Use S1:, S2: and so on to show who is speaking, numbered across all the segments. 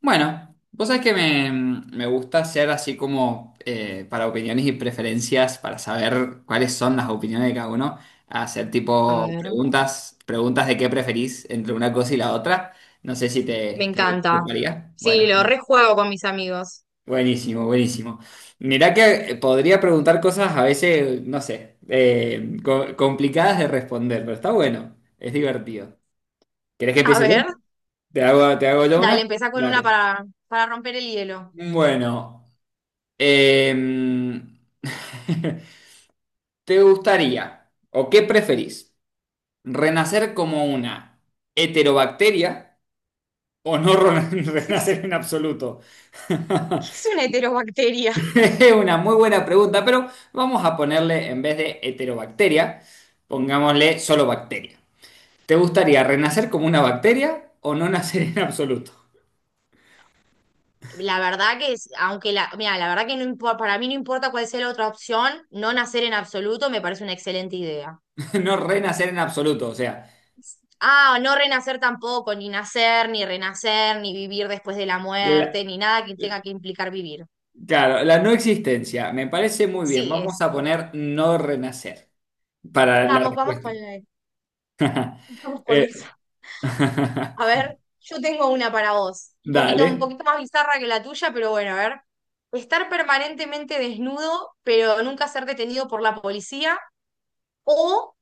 S1: Bueno, vos sabés que me gusta hacer así como para opiniones y preferencias, para saber cuáles son las opiniones de cada uno, hacer
S2: A
S1: tipo
S2: ver.
S1: preguntas, preguntas de qué preferís entre una cosa y la otra. No sé si
S2: Me
S1: te
S2: encanta.
S1: tocaría.
S2: Sí,
S1: Bueno,
S2: lo
S1: genial.
S2: rejuego con mis amigos.
S1: Buenísimo, buenísimo. Mirá que podría preguntar cosas a veces, no sé, complicadas de responder, pero está bueno, es divertido. ¿Querés que
S2: A
S1: empiece yo?
S2: ver,
S1: ¿Te hago yo una?
S2: dale, empezá con una
S1: Dale.
S2: para romper el hielo.
S1: Bueno. Em, ¿Te gustaría o qué preferís? ¿Renacer como una heterobacteria o no
S2: Sí, sí.
S1: renacer en absoluto?
S2: ¿Qué es una heterobacteria?
S1: Es una muy buena pregunta, pero vamos a ponerle en vez de heterobacteria, pongámosle solo bacteria. ¿Te gustaría renacer como una bacteria o no nacer en absoluto?
S2: La verdad que es, aunque la, mira, la verdad que no importa, para mí no importa cuál sea la otra opción, no nacer en absoluto me parece una excelente idea.
S1: No renacer en absoluto, o sea,
S2: Ah, no renacer tampoco, ni nacer, ni renacer, ni vivir después de la
S1: la-
S2: muerte, ni nada que tenga que implicar vivir.
S1: claro, la no existencia. Me parece muy bien.
S2: Sí,
S1: Vamos
S2: ese.
S1: a poner no renacer. Para la
S2: Vamos, vamos
S1: respuesta.
S2: con la- Vamos con
S1: Eh,
S2: eso. A ver, yo tengo una para vos, un
S1: dale.
S2: poquito más bizarra que la tuya, pero bueno, a ver. Estar permanentemente desnudo, pero nunca ser detenido por la policía, o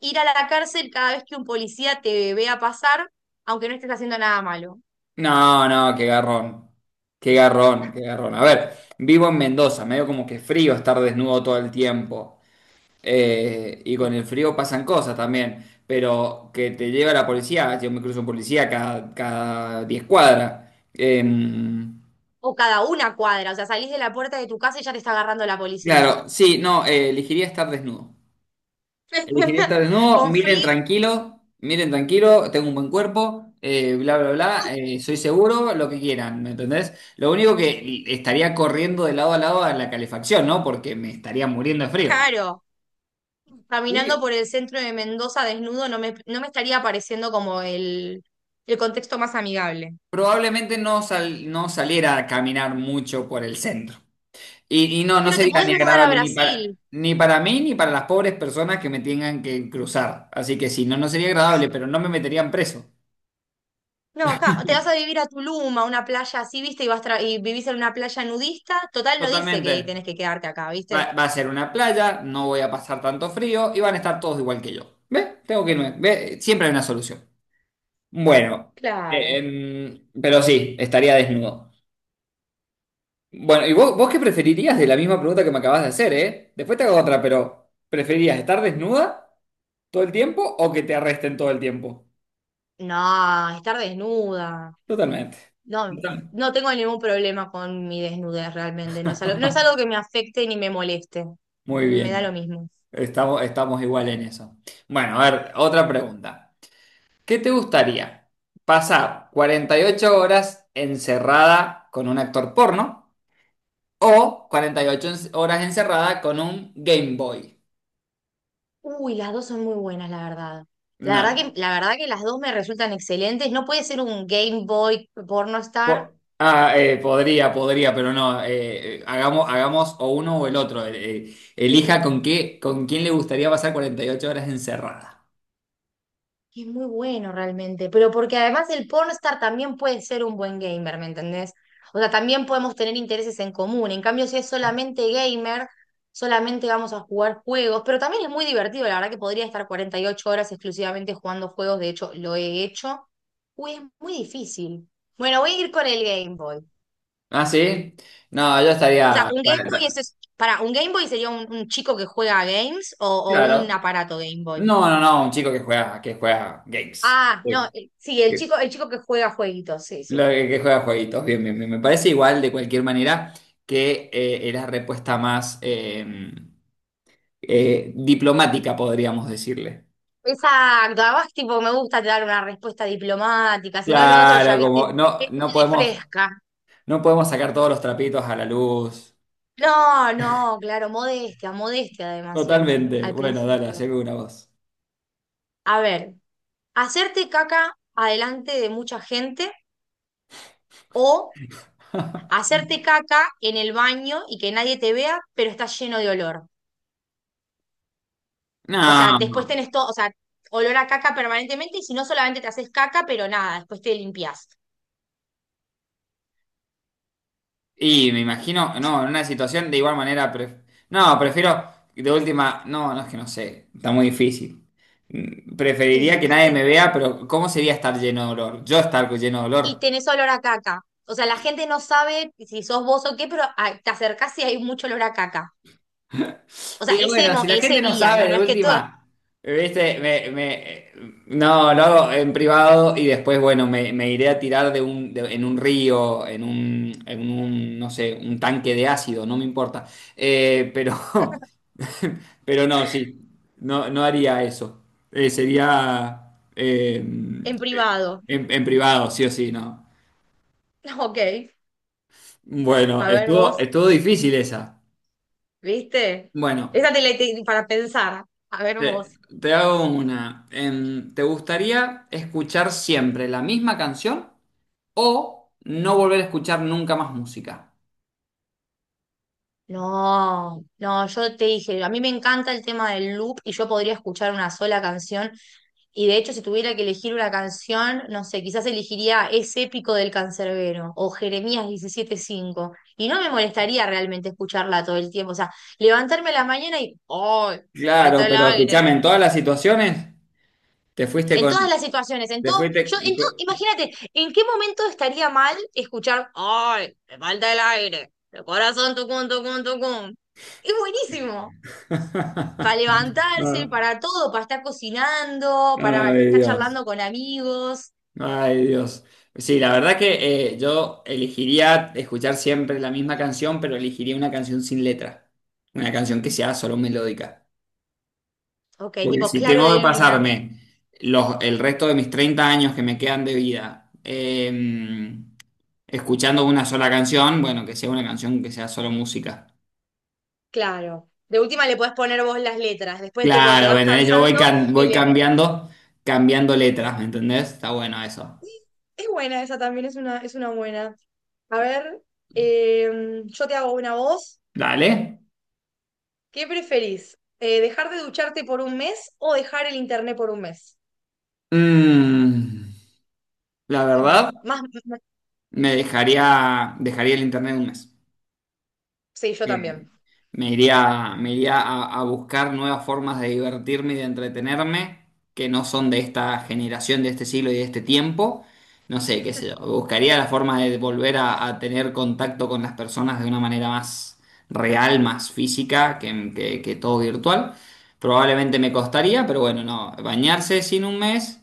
S2: ir a la cárcel cada vez que un policía te vea pasar, aunque no estés haciendo nada malo.
S1: No, no, qué garrón. Qué garrón, qué garrón. A ver, vivo en Mendoza, medio como que frío estar desnudo todo el tiempo. Y con
S2: Sí.
S1: el frío pasan cosas también. Pero que te lleva la policía, yo me cruzo un policía cada 10 cuadras. Em,
S2: O cada una cuadra, o sea, salís de la puerta de tu casa y ya te está agarrando la policía.
S1: claro, sí, no, elegiría estar desnudo. El higienista desnudo,
S2: Con frío,
S1: miren tranquilo, tengo un buen cuerpo, bla, bla, bla, soy seguro, lo que quieran, ¿me entendés? Lo único que estaría corriendo de lado a lado a la calefacción, ¿no? Porque me estaría muriendo de frío.
S2: claro.
S1: Y
S2: Caminando por el centro de Mendoza desnudo no me estaría pareciendo como el contexto más amigable.
S1: probablemente no, no saliera a caminar mucho por el centro. Y no, no
S2: Pero te
S1: sería
S2: podés
S1: ni
S2: mudar a
S1: agradable ni para,
S2: Brasil.
S1: ni para mí ni para las pobres personas que me tengan que cruzar. Así que sí, no, no sería agradable, pero no me meterían preso.
S2: No, acá, o te vas a vivir a Tulum, a una playa así, ¿viste? Y y vivís en una playa nudista. Total, no dice que
S1: Totalmente.
S2: tenés que quedarte acá,
S1: Va,
S2: ¿viste?
S1: va a ser una playa, no voy a pasar tanto frío y van a estar todos igual que yo. ¿Ve? Tengo que irme. ¿Ve? Siempre hay una solución. Bueno,
S2: Claro.
S1: pero sí, estaría desnudo. Bueno, ¿y vos qué preferirías de la misma pregunta que me acabas de hacer, eh? Después te hago otra, pero ¿preferirías estar desnuda todo el tiempo o que te arresten todo el tiempo?
S2: No, estar desnuda.
S1: Totalmente.
S2: No,
S1: Totalmente.
S2: no tengo ningún problema con mi desnudez realmente. No es algo que me afecte ni me moleste.
S1: Muy
S2: Me da lo
S1: bien.
S2: mismo.
S1: Estamos igual en eso. Bueno, a ver, otra pregunta. ¿Qué te gustaría? ¿Pasar 48 horas encerrada con un actor porno o 48 horas encerrada con un Game Boy?
S2: Uy, las dos son muy buenas, la verdad.
S1: No.
S2: La verdad que las dos me resultan excelentes. No puede ser un Game Boy porno star.
S1: Podría, podría, pero no. Hagamos, hagamos o uno o el otro. Elija con qué, con quién le gustaría pasar 48 horas encerrada.
S2: Que es muy bueno realmente, pero porque además el pornstar también puede ser un buen gamer, ¿me entendés? O sea, también podemos tener intereses en común. En cambio, si es solamente gamer, solamente vamos a jugar juegos, pero también es muy divertido, la verdad que podría estar 48 horas exclusivamente jugando juegos, de hecho, lo he hecho. Uy, es muy difícil. Bueno, voy a ir con el Game Boy.
S1: ¿Ah, sí? No, yo
S2: O sea,
S1: estaría...
S2: un Game Boy
S1: 40.
S2: es, para, un Game Boy sería un chico que juega a games o un
S1: Claro.
S2: aparato Game Boy.
S1: No, no, no, un chico que juega games.
S2: Ah, no, sí, el chico que juega jueguitos, sí,
S1: Lo
S2: sí.
S1: que juega jueguitos, bien, bien, bien. Me parece igual de cualquier manera que era respuesta más diplomática, podríamos decirle.
S2: Exacto, además tipo me gusta dar una respuesta diplomática, si no lo otro ya
S1: Claro, como
S2: viste,
S1: no,
S2: es
S1: no
S2: muy de
S1: podemos,
S2: fresca.
S1: no podemos sacar todos los trapitos a la luz.
S2: No, no, claro, modestia, modestia además siempre,
S1: Totalmente.
S2: al
S1: Bueno, dale,
S2: principio.
S1: haceme una voz.
S2: A ver, hacerte caca adelante de mucha gente o hacerte caca en el baño y que nadie te vea, pero estás lleno de olor. O sea,
S1: No.
S2: después
S1: No.
S2: tenés todo, o sea, olor a caca permanentemente y si no solamente te haces caca, pero nada, después te limpias.
S1: Y me imagino, no, en una situación de igual manera, no, prefiero de última, no, no es que no sé, está muy difícil.
S2: Y,
S1: Preferiría que nadie me
S2: ¿viste?
S1: vea, pero ¿cómo sería estar lleno de dolor? Yo estar lleno de
S2: Y
S1: dolor.
S2: tenés olor a caca. O sea, la gente no sabe si sos vos o qué, pero ah, te acercás y hay mucho olor a caca. O sea,
S1: Y bueno, si la gente
S2: ese
S1: no
S2: día, ¿no?
S1: sabe
S2: No
S1: de
S2: es que todo
S1: última, viste, no, lo hago en privado y después, bueno, me iré a tirar de en un río, en un, no sé, un tanque de ácido, no me importa. Pero Pero no, sí, no, no haría eso. Sería
S2: en privado.
S1: en privado, sí o sí, no.
S2: Ok,
S1: Bueno,
S2: a ver
S1: estuvo,
S2: vos,
S1: estuvo difícil esa.
S2: ¿viste?
S1: Bueno,
S2: Esa te la te- para pensar. A ver vos.
S1: te, te hago una. ¿Te gustaría escuchar siempre la misma canción o no volver a escuchar nunca más música?
S2: No, no, yo te dije, a mí me encanta el tema del loop y yo podría escuchar una sola canción. Y de hecho, si tuviera que elegir una canción, no sé, quizás elegiría Es épico del Cancerbero o Jeremías 17 5. Y no me molestaría realmente escucharla todo el tiempo. O sea, levantarme a la mañana y ¡ay! Me falta
S1: Claro,
S2: el
S1: pero escúchame,
S2: aire.
S1: en todas las situaciones te fuiste
S2: En
S1: con...
S2: todas las situaciones, en
S1: Te
S2: todo, yo,
S1: fuiste...
S2: en todo, imagínate, ¿en qué momento estaría mal escuchar ¡ay! Me falta el aire. El corazón tucum, tucum, tucum. Es buenísimo. Para levantarse, para todo, para estar cocinando, para
S1: Ay,
S2: estar
S1: Dios.
S2: charlando con amigos.
S1: Ay, Dios. Sí, la verdad que yo elegiría escuchar siempre la misma canción, pero elegiría una canción sin letra. Una canción que sea solo melódica.
S2: Ok,
S1: Porque
S2: tipo
S1: si
S2: claro
S1: tengo que
S2: de luna.
S1: pasarme el resto de mis 30 años que me quedan de vida escuchando una sola canción, bueno, que sea una canción que sea solo música.
S2: Claro. De última le podés poner vos las letras. Después tipo, te
S1: Claro, ¿me
S2: vas
S1: entendés? Yo
S2: cansando y
S1: voy
S2: le.
S1: cambiando, cambiando letras, ¿me entendés? Está bueno eso.
S2: Es buena esa también, es una buena. A ver, yo te hago una voz.
S1: Dale.
S2: ¿Qué preferís? ¿Dejar de ducharte por un mes o dejar el internet por un mes?
S1: Mm, la
S2: Está
S1: verdad. Me dejaría el internet un mes.
S2: sí, yo
S1: Eh,
S2: también.
S1: me iría a buscar nuevas formas de divertirme y de entretenerme que no son de esta generación, de este siglo y de este tiempo. No sé, qué sé yo. Buscaría la forma de volver a tener contacto con las personas de una manera más real, más física que todo virtual. Probablemente me costaría, pero bueno, no. Bañarse sin un mes,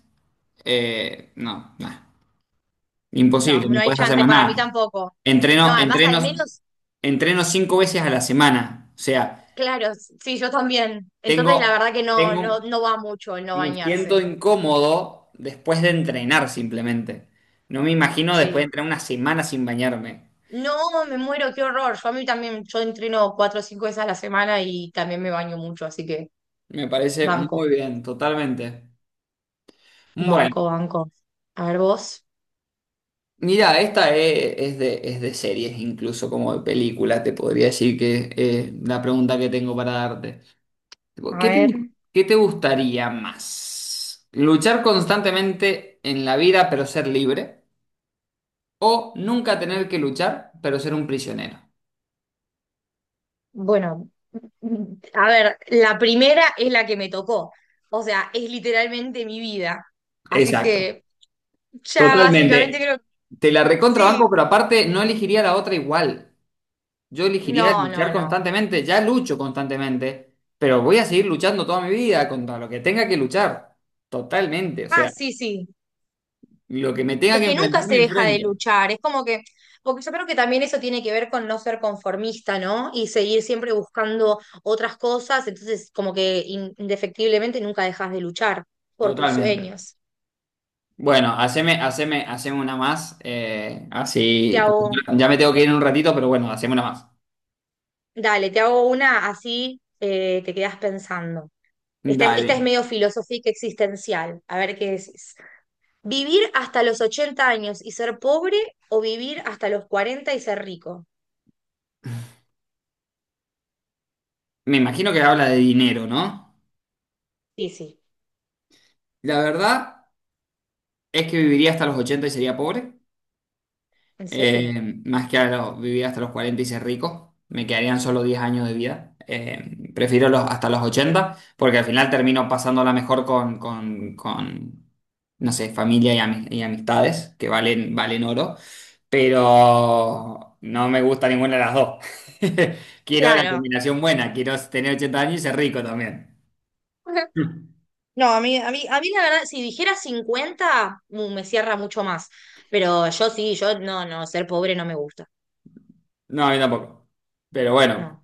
S1: no, nah.
S2: No,
S1: Imposible,
S2: no
S1: no
S2: hay
S1: puedes hacer
S2: chance,
S1: más
S2: para mí
S1: nada.
S2: tampoco. No,
S1: Entreno,
S2: además al
S1: entrenos
S2: menos,
S1: Entreno cinco veces a la semana. O sea,
S2: claro, sí, yo también. Entonces la
S1: tengo,
S2: verdad que no,
S1: tengo,
S2: no, no va mucho el no
S1: me siento
S2: bañarse.
S1: incómodo después de entrenar simplemente. No me imagino después de
S2: Sí.
S1: entrenar una semana sin bañarme.
S2: No, me muero, qué horror. Yo a mí también, yo entreno 4 o 5 veces a la semana y también me baño mucho, así que
S1: Me parece
S2: banco,
S1: muy bien, totalmente. Bueno,
S2: banco, banco. A ver vos,
S1: mira, esta es de series, incluso como de película, te podría decir que la pregunta que tengo para darte.
S2: a
S1: Tipo, ¿Qué te,
S2: ver.
S1: qué te gustaría más? ¿Luchar constantemente en la vida pero ser libre? O nunca tener que luchar, pero ser un prisionero.
S2: Bueno, a ver, la primera es la que me tocó. O sea, es literalmente mi vida. Así
S1: Exacto.
S2: que ya básicamente
S1: Totalmente.
S2: creo,
S1: Te la recontrabanco,
S2: sí,
S1: pero aparte no elegiría la otra igual. Yo elegiría
S2: no, no,
S1: luchar
S2: no.
S1: constantemente. Ya lucho constantemente, pero voy a seguir luchando toda mi vida contra lo que tenga que luchar. Totalmente. O
S2: Ah,
S1: sea,
S2: sí, sí.
S1: lo que me tenga
S2: Es
S1: que
S2: que nunca
S1: enfrentar,
S2: se
S1: me
S2: deja de
S1: enfrento.
S2: luchar, es como que, porque yo creo que también eso tiene que ver con no ser conformista, ¿no? Y seguir siempre buscando otras cosas, entonces como que indefectiblemente nunca dejas de luchar por tus
S1: Totalmente.
S2: sueños.
S1: Bueno, haceme una más. eh,
S2: Te
S1: así, porque
S2: hago,
S1: ya me tengo que ir en un ratito, pero bueno, haceme una más.
S2: dale, te hago una así, te quedas pensando.
S1: Dale.
S2: Esta es medio filosófica existencial, a ver qué decís. ¿Vivir hasta los 80 años y ser pobre o vivir hasta los 40 y ser rico?
S1: Me imagino que habla de dinero, ¿no?
S2: Sí, sí.
S1: La verdad es que viviría hasta los 80 y sería pobre,
S2: ¿En serio?
S1: más que vivir hasta los 40 y ser rico. Me quedarían solo 10 años de vida. Prefiero hasta los 80 porque al final termino pasándola mejor no sé, familia y amistades, que valen, valen oro, pero no me gusta ninguna de las dos. Quiero la
S2: Claro.
S1: combinación buena, quiero tener 80 años y ser rico también.
S2: No, a mí la verdad, si dijera 50 me cierra mucho más. Pero yo sí, yo no, no, ser pobre no me gusta.
S1: No, a mí tampoco. Pero bueno.
S2: No.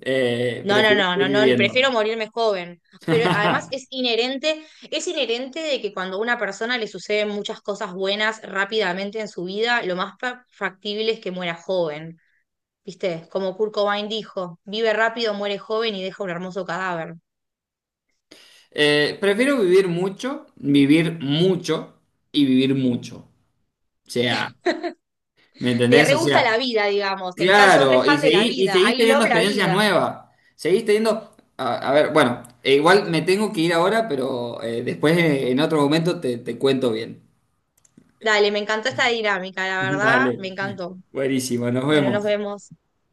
S2: No, no,
S1: Prefiero
S2: no, no,
S1: seguir
S2: no,
S1: viviendo.
S2: prefiero morirme joven. Pero además es inherente de que cuando a una persona le suceden muchas cosas buenas rápidamente en su vida, lo más factible es que muera joven. ¿Viste? Como Kurt Cobain dijo, vive rápido, muere joven y deja un hermoso cadáver.
S1: Prefiero vivir mucho y vivir mucho. O sea, ¿me
S2: Te
S1: entendés?
S2: re
S1: O
S2: gusta
S1: sea,
S2: la vida, digamos. Te encanta, sos re
S1: claro, y
S2: fan de la
S1: seguís y
S2: vida.
S1: seguí
S2: I
S1: teniendo
S2: love la
S1: experiencias
S2: vida.
S1: nuevas. Seguís teniendo. A ver, bueno, igual me tengo que ir ahora, pero después en otro momento te cuento bien.
S2: Dale, me encantó esta dinámica, la verdad,
S1: Dale.
S2: me encantó.
S1: Buenísimo, nos
S2: Bueno, nos
S1: vemos.
S2: vemos.